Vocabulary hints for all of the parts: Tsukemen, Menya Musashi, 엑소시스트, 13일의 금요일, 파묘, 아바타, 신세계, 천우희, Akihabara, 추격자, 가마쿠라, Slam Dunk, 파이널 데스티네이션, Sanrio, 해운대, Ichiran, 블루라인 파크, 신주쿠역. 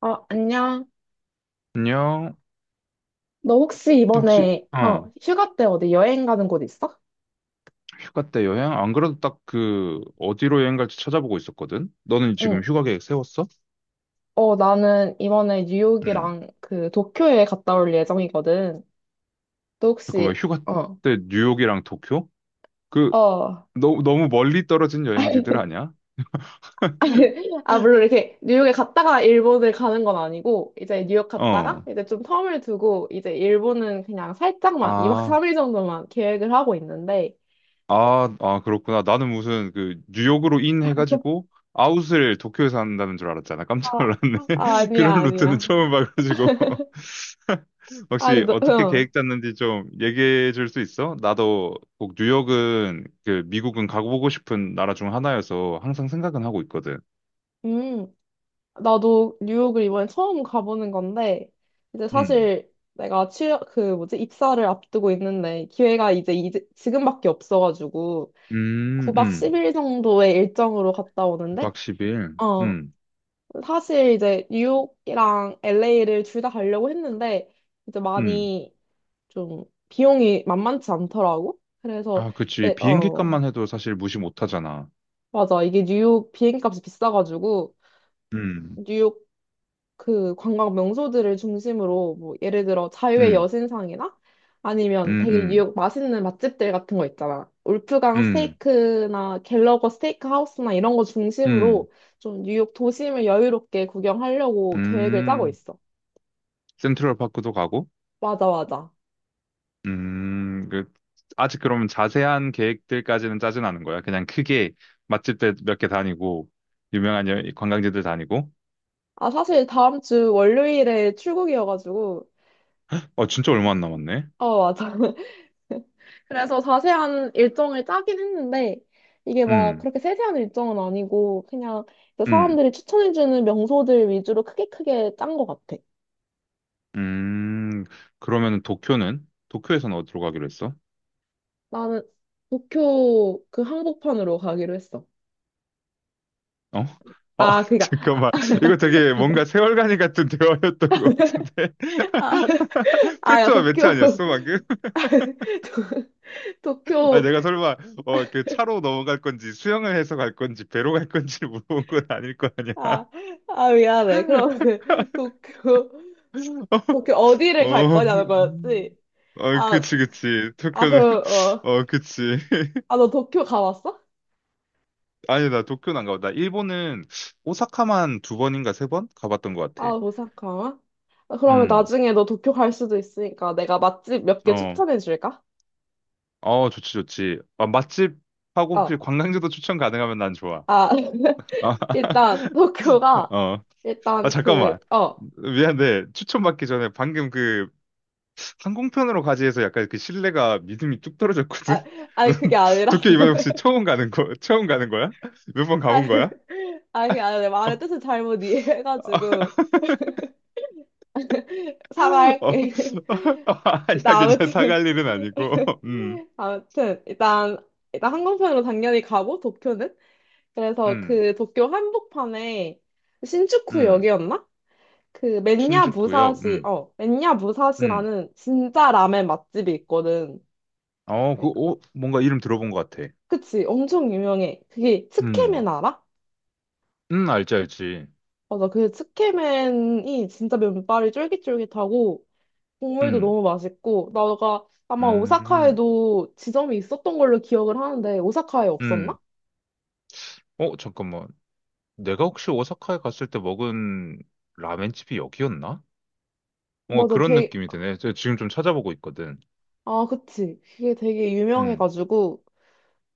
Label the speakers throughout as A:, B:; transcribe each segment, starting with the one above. A: 안녕.
B: 안녕.
A: 너 혹시
B: 혹시,
A: 이번에, 휴가 때 어디 여행 가는 곳 있어?
B: 휴가 때 여행? 안 그래도 딱 그, 어디로 여행 갈지 찾아보고 있었거든? 너는
A: 응.
B: 지금 휴가 계획 세웠어?
A: 나는 이번에
B: 응.
A: 뉴욕이랑 그 도쿄에 갔다 올 예정이거든. 너
B: 잠깐만,
A: 혹시,
B: 휴가
A: 어,
B: 때 뉴욕이랑 도쿄? 그,
A: 어.
B: 너무 멀리 떨어진 여행지들 아니야?
A: 아, 물론 이렇게 뉴욕에 갔다가 일본을 가는 건 아니고, 이제 뉴욕 갔다가
B: 어.
A: 이제 좀 텀을 두고, 이제 일본은 그냥 살짝만, 2박
B: 아,
A: 3일 정도만 계획을 하고 있는데.
B: 아, 그렇구나. 나는 무슨 그, 뉴욕으로 인 해가지고, 아웃을 도쿄에서 한다는 줄 알았잖아. 깜짝
A: 아,
B: 놀랐네.
A: 아, 아니야,
B: 그런 루트는
A: 아니야.
B: 처음 봐가지고.
A: 아니,
B: 혹시
A: 너,
B: 어떻게
A: 응.
B: 계획 짰는지 좀 얘기해 줄 수 있어? 나도 꼭 뉴욕은 그 미국은 가보고 싶은 나라 중 하나여서 항상 생각은 하고 있거든.
A: 음. 나도 뉴욕을 이번에 처음 가보는 건데, 이제
B: 음,
A: 사실 내가 취업, 그 뭐지, 입사를 앞두고 있는데, 기회가 이제 지금밖에 없어가지고,
B: 음,
A: 9박
B: 음.
A: 10일 정도의 일정으로 갔다 오는데,
B: 9박 10일.
A: 어, 사실 이제 뉴욕이랑 LA를 둘 다 가려고 했는데, 이제
B: 음.
A: 많이 좀 비용이 만만치 않더라고. 그래서,
B: 아, 그치.
A: 이제,
B: 비행기 값만 해도 사실 무시 못 하잖아.
A: 맞아. 이게 뉴욕 비행값이 비싸가지고,
B: 음,
A: 뉴욕 그 관광 명소들을 중심으로 뭐 예를 들어 자유의
B: 음,
A: 여신상이나 아니면
B: 음,
A: 되게
B: 음,
A: 뉴욕 맛있는 맛집들 같은 거 있잖아. 울프강
B: 음,
A: 스테이크나 갤러거 스테이크 하우스나 이런 거
B: 음,
A: 중심으로 좀 뉴욕 도심을 여유롭게 구경하려고 계획을 짜고
B: 음.
A: 있어.
B: 센트럴 파크도 가고,
A: 맞아, 맞아.
B: 음, 그, 아직 그러면 자세한 계획들까지는 짜진 않은 거야. 그냥 크게 맛집들 몇 개 다니고, 유명한 관광지들 다니고.
A: 아, 사실 다음 주 월요일에 출국이어가지고.
B: 진짜 얼마 안 남았네.
A: 어, 맞아. 그래서 자세한 일정을 짜긴 했는데, 이게 막
B: 음,
A: 그렇게 세세한 일정은 아니고, 그냥 그
B: 음,
A: 사람들이 추천해주는 명소들 위주로 크게 크게 짠 것 같아.
B: 음. 그러면 도쿄는? 도쿄에서는 어디로 가기로 했어?
A: 나는 도쿄 그 한복판으로 가기로 했어.
B: 어? 어,
A: 아, 그니까,
B: 잠깐만. 이거 되게 뭔가 세월간이 같은 대화였던 것 같은데.
A: 아, 야,
B: 페트와 매트
A: 도쿄,
B: 아니었어, 방금?
A: 도,
B: 아니,
A: 도쿄,
B: 내가 설마, 그 차로 넘어갈 건지, 수영을 해서 갈 건지, 배로 갈 건지를 물어본 건 아닐 거 아니야.
A: 아, 아, 미안해. 그럼 그, 도쿄 어디를 갈
B: 어,
A: 거냐는 거였지?
B: 아,
A: 아,
B: 그치, 그치. 도쿄는,
A: 그럼,
B: 어, 그치.
A: 너 도쿄 가봤어?
B: 아니, 나 도쿄는 안 가봤다. 일본은 오사카만 두 번인가 세 번 가봤던 것
A: 아,
B: 같아.
A: 오사카? 아, 그러면
B: 음,
A: 나중에 너 도쿄 갈 수도 있으니까 내가 맛집 몇 개
B: 어,
A: 추천해 줄까?
B: 어, 좋지, 좋지. 아, 맛집하고 혹시
A: 어,
B: 관광지도 추천 가능하면 난 좋아.
A: 아,
B: 아,
A: 일단 도쿄가
B: 어. 아,
A: 일단
B: 잠깐만.
A: 그,
B: 미안한데, 추천받기 전에 방금 그 항공편으로 가지 해서 약간 그 신뢰가 믿음이 뚝 떨어졌거든?
A: 아, 아니 그게
B: 넌
A: 아니라,
B: 도쿄 이번에 혹시 처음 가는 거야? 몇 번
A: 아,
B: 가본
A: 아니
B: 거야? 어.
A: 그게 아니라 내 말의 뜻을 잘못 이해해가지고
B: 어,
A: 사과할게.
B: 아니야,
A: 일단
B: 괜찮아.
A: 아무튼,
B: 사갈 일은 아니고. 음,
A: 아무튼 일단 항공편으로 당연히 가고 도쿄는 그래서
B: 음,
A: 그 도쿄 한복판에
B: 음.
A: 신주쿠역이었나? 그
B: 신주쿠역.
A: 맨야
B: 음.
A: 무사시라는 진짜 라멘 맛집이 있거든.
B: 뭔가 이름 들어본 것 같아.
A: 그치, 엄청 유명해. 그게 츠케멘
B: 음,
A: 알아?
B: 알지, 알지.
A: 맞아, 그 츠케멘이 진짜 면발이 쫄깃쫄깃하고 국물도
B: 음,
A: 너무 맛있고 나가 아마
B: 음,
A: 오사카에도 지점이 있었던 걸로 기억을 하는데 오사카에
B: 음.
A: 없었나?
B: 잠깐만. 내가 혹시 오사카에 갔을 때 먹은 라멘집이 여기였나? 뭔가
A: 맞아,
B: 그런
A: 되게.
B: 느낌이 드네. 제가 지금 좀 찾아보고 있거든.
A: 아, 그치. 그게 되게
B: 음,
A: 유명해가지고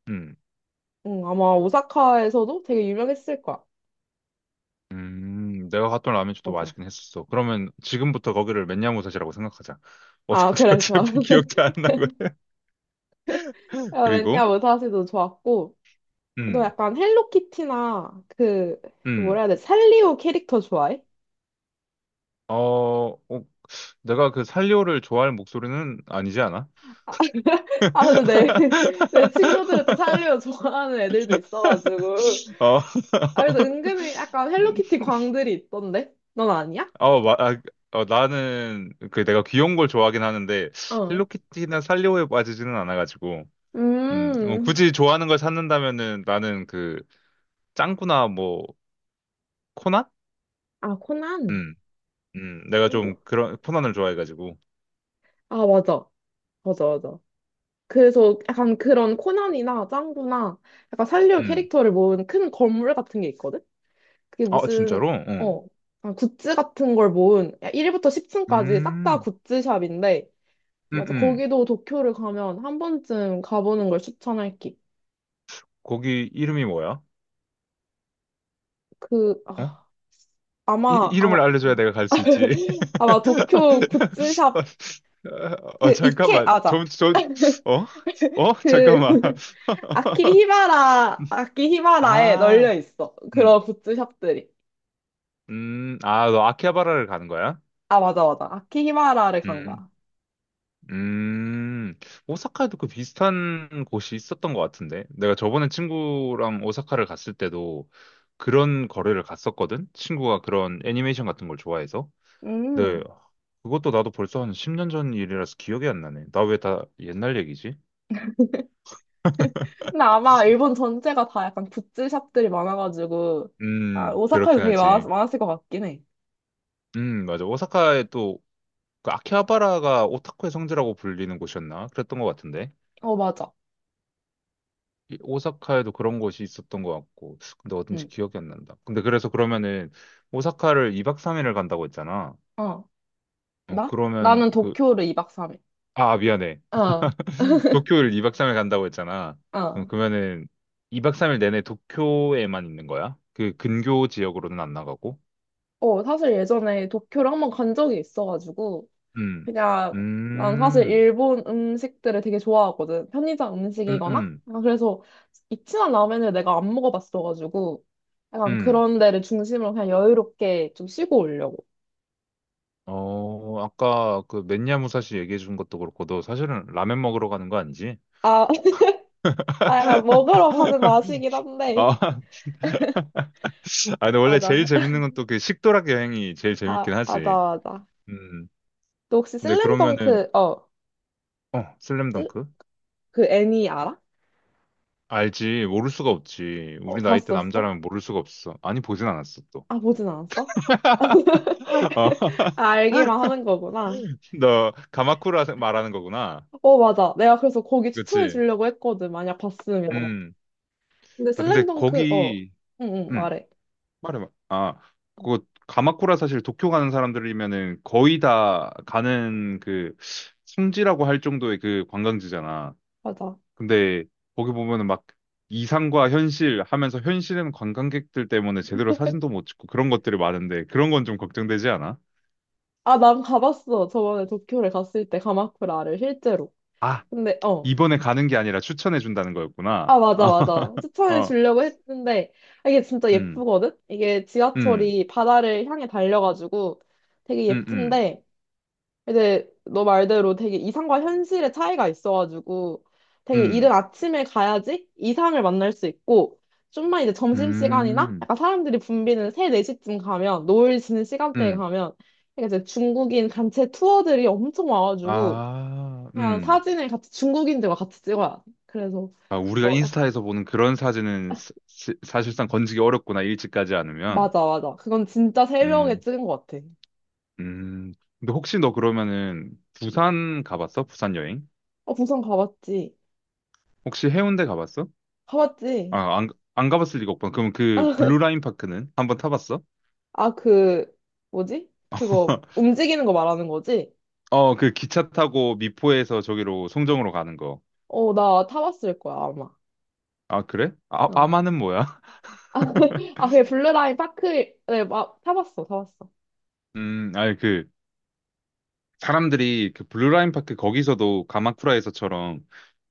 B: 음.
A: 응, 아마 오사카에서도 되게 유명했을 거야.
B: 내가 갔던 라면집도
A: 맞아.
B: 맛있긴 했었어. 그러면 지금부터 거기를 맨야무새시라고 생각하자.
A: 아,
B: 어딘지
A: 그래, 좋아.
B: 어차피 기억도 안 나거든.
A: 야, 왜냐,
B: 그리고,
A: 무사시도 좋았고. 너
B: 음,
A: 약간 헬로키티나 그,
B: 음,
A: 뭐라 해야 돼? 산리오 캐릭터 좋아해?
B: 어, 어, 내가 그살오를 좋아할 목소리는 아니지 않아?
A: 아, 근데 내, 내 친구들은 또 산리오 좋아하는 애들도 있어가지고.
B: 어,
A: 아, 그래도 은근히 약간 헬로키티 광들이 있던데? 넌 아니야?
B: 어, 마, 아, 나는 그 내가 귀여운 걸 좋아하긴 하는데
A: 어.
B: 헬로키티나 살리오에 빠지지는 않아가지고
A: 음.
B: 굳이 좋아하는 걸 찾는다면은 나는 그 짱구나 뭐 코난?
A: 아, 코난.
B: 내가 좀 그런 편안을 좋아해가지고.
A: 아, 맞아. 맞아, 맞아. 그래서 약간 그런 코난이나 짱구나 약간 산류
B: 음.
A: 캐릭터를 모은 큰 건물 같은 게 있거든? 그게
B: 아,
A: 무슨,
B: 진짜로? 어.
A: 어, 약간 굿즈 같은 걸 모은 1부터 10층까지 싹 다
B: 음.
A: 굿즈샵인데,
B: 음,
A: 맞아.
B: 음.
A: 거기도 도쿄를 가면 한 번쯤 가보는 걸 추천할게.
B: 거기 이름이 뭐야?
A: 그,
B: 어?
A: 아, 아마,
B: 름
A: 아마,
B: 을 알려줘야 내가 갈
A: 아,
B: 수 있지.
A: 아마 도쿄 굿즈샵, 그, 이케,
B: 잠깐만.
A: 아자.
B: 좀, 좀, 어? 어?
A: 그,
B: 잠깐만.
A: 아키히바라에 널려
B: 아,
A: 있어.
B: 음.
A: 그런 굿즈샵들이.
B: 너 아키하바라를 가는 거야?
A: 아, 맞아, 맞아. 아키히바라를 간
B: 음.
A: 거야.
B: 음, 오사카에도 그 비슷한 곳이 있었던 것 같은데. 내가 저번에 친구랑 오사카를 갔을 때도 그런 거래를 갔었거든? 친구가 그런 애니메이션 같은 걸 좋아해서. 네,
A: 음.
B: 그것도 나도 벌써 한 10년 전 일이라서 기억이 안 나네. 나 왜 다 옛날 얘기지?
A: 근데 아마 일본 전체가 다 약간 굿즈샵들이 많아가지고, 아, 오사카에도
B: 그렇긴
A: 되게
B: 하지.
A: 많았을 것 같긴 해.
B: 맞아. 오사카에 또, 그 아키하바라가 오타쿠의 성지라고 불리는 곳이었나? 그랬던 것 같은데.
A: 어, 맞아.
B: 이 오사카에도 그런 곳이 있었던 것 같고, 근데 어딘지
A: 응.
B: 기억이 안 난다. 근데 그래서 그러면은, 오사카를 2박 3일을 간다고 했잖아.
A: 어. 나?
B: 그러면
A: 나는
B: 그,
A: 도쿄를 2박 3일.
B: 아, 미안해.
A: 어,
B: 도쿄를 2박 3일 간다고 했잖아.
A: 어.
B: 그러면은, 2박 3일 내내 도쿄에만 있는 거야? 그 근교 지역으로는 안 나가고?
A: 사실 예전에 도쿄를 한번 간 적이 있어가지고,
B: 음,
A: 그냥 난 사실
B: 음,
A: 일본 음식들을 되게 좋아하거든. 편의점
B: 음,
A: 음식이거나.
B: 음,
A: 아, 그래서 이치란 라면을 내가 안 먹어봤어가지고 약간
B: 음.
A: 그런 데를 중심으로 그냥 여유롭게 좀 쉬고 오려고.
B: 아까 그 맨야 무사시 얘기해 준 것도 그렇고, 너 사실은 라면 먹으러 가는 거 아니지?
A: 아, 아 약간 먹으러 가는 맛이긴 한데.
B: 아, 근데 원래 제일
A: 맞아.
B: 재밌는 건 또 그 식도락 여행이 제일 재밌긴
A: 아,
B: 하지.
A: 맞아, 맞아.
B: 음.
A: 너 혹시
B: 근데 그러면은,
A: 슬램덩크, 슬-
B: 슬램덩크?
A: 그 애니 알아?
B: 알지. 모를 수가 없지.
A: 어,
B: 우리 나이 때
A: 봤었어?
B: 남자라면 모를 수가 없어. 아니, 보진 않았어, 또.
A: 아, 보진 않았어?
B: 어,
A: 아, 알기만 하는 거구나.
B: 너, 가마쿠라 말하는 거구나.
A: 어, 맞아. 내가 그래서 거기 추천해
B: 그치.
A: 주려고 했거든. 만약 봤으면.
B: 음.
A: 근데
B: 아, 근데
A: 슬램덩크,
B: 거기,
A: 응, 응,
B: 음,
A: 말해.
B: 말해봐. 아, 그거, 가마쿠라 사실 도쿄 가는 사람들이면은 거의 다 가는 그 성지라고 할 정도의 그 관광지잖아.
A: 맞아.
B: 근데 거기 보면은 막 이상과 현실 하면서 현실은 관광객들 때문에 제대로 사진도 못 찍고 그런 것들이 많은데 그런 건 좀 걱정되지 않아?
A: 아, 난 가봤어. 저번에 도쿄를 갔을 때 가마쿠라를 실제로.
B: 아,
A: 근데.
B: 이번에 가는 게 아니라 추천해 준다는 거였구나.
A: 아, 맞아, 맞아.
B: 어,
A: 추천해
B: 어,
A: 주려고 했는데, 아, 이게 진짜
B: 음,
A: 예쁘거든? 이게
B: 음,
A: 지하철이 바다를 향해 달려가지고 되게
B: 음, 음,
A: 예쁜데, 근데 너 말대로 되게 이상과 현실의 차이가 있어가지고 되게
B: 음,
A: 이른 아침에 가야지 이상을 만날 수 있고 좀만 이제 점심시간이나
B: 음,
A: 약간 사람들이 붐비는 3, 4시쯤 가면 노을 지는 시간대에
B: 음,
A: 가면 그러니까 이제 중국인 단체 투어들이 엄청 와가지고
B: 아,
A: 그냥 사진을 같이 중국인들과 같이 찍어야 돼. 그래서
B: 아, 우리가
A: 뭐 약간,
B: 인스타에서 보는 그런 사진은 사실상 건지기 어렵구나, 일찍 가지 않으면.
A: 맞아, 맞아, 그건 진짜 새벽에
B: 음,
A: 찍은 것 같아.
B: 음. 근데 혹시 너 그러면은 부산 가봤어? 부산 여행?
A: 어, 부산 가봤지?
B: 혹시 해운대 가봤어?
A: 가봤지?
B: 아, 안 가봤을 리가 없구나. 그럼 그 블루라인 파크는 한번 타봤어?
A: 아, 그, 뭐지? 그거, 움직이는 거 말하는 거지?
B: 그 기차 타고 미포에서 저기로 송정으로 가는 거.
A: 어, 나 타봤을 거야, 아마.
B: 아, 그래? 아,
A: 어.
B: 아마는 뭐야?
A: 아, 아, 그게 블루라인 파크에, 막, 타봤어, 타봤어.
B: 아니 그 사람들이 그 블루라인 파크 거기서도 가마쿠라에서처럼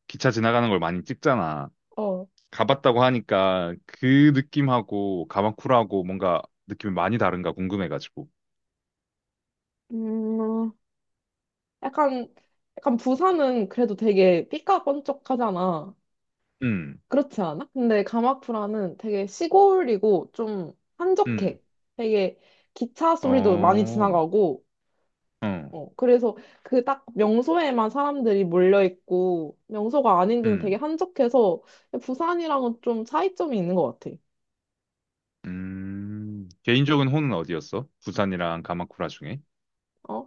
B: 기차 지나가는 걸 많이 찍잖아.
A: 어.
B: 가봤다고 하니까 그 느낌하고 가마쿠라하고 뭔가 느낌이 많이 다른가 궁금해가지고.
A: 음, 약간, 약간 부산은 그래도 되게 삐까뻔쩍하잖아.
B: 음,
A: 그렇지 않아? 근데 가마쿠라는 되게 시골이고 좀
B: 음,
A: 한적해. 되게 기차 소리도 많이
B: 어,
A: 지나가고,
B: 어,
A: 어, 그래서 그 딱 명소에만 사람들이 몰려 있고 명소가 아닌 데는 되게
B: 음.
A: 한적해서 부산이랑은 좀 차이점이 있는 것 같아.
B: 개인적인 호는 어디였어? 부산이랑 가마쿠라 중에?
A: 어?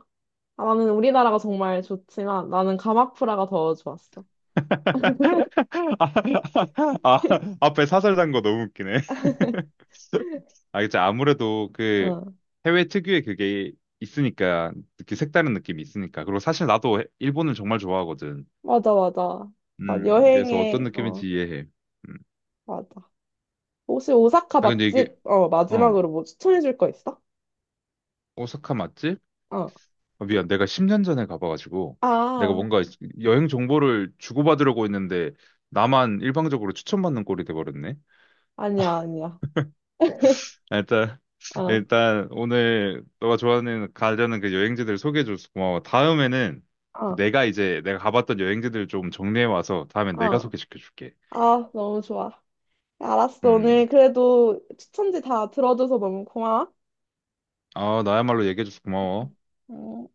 A: 아, 나는 우리나라가 정말 좋지만 나는 가마쿠라가 더 좋았어.
B: 아, 아, 앞에 사설 단거 너무 웃기네. 아, 그치. 아무래도 그
A: 응,
B: 해외 특유의 그게 있으니까, 이렇게 색다른 느낌이 있으니까. 그리고 사실 나도 일본을 정말 좋아하거든.
A: 맞아, 맞아. 그러니까
B: 그래서 어떤
A: 여행에,
B: 느낌인지 이해해. 음.
A: 맞아. 혹시 오사카
B: 아, 근데 이게,
A: 맛집,
B: 어,
A: 마지막으로 뭐 추천해 줄 거 있어?
B: 오사카 맞지?
A: 어.
B: 아, 미안, 내가 10년 전에 가봐가지고 내가
A: 아,
B: 뭔가 여행 정보를 주고받으려고 했는데 나만 일방적으로 추천받는 꼴이 돼버렸네.
A: 아니야, 아니야.
B: 아, 일단
A: 어,
B: 일단 오늘 너가 좋아하는 가려는 그 여행지들 소개해줘서 고마워. 다음에는
A: 어,
B: 내가 이제 내가 가봤던 여행지들 좀 정리해 와서 다음엔 내가
A: 어.
B: 소개시켜줄게.
A: 아, 너무 좋아. 알았어.
B: 음,
A: 오늘 그래도 추천지 다 들어줘서 너무 고마워.
B: 아 나야말로 얘기해줘서 고마워.
A: 음.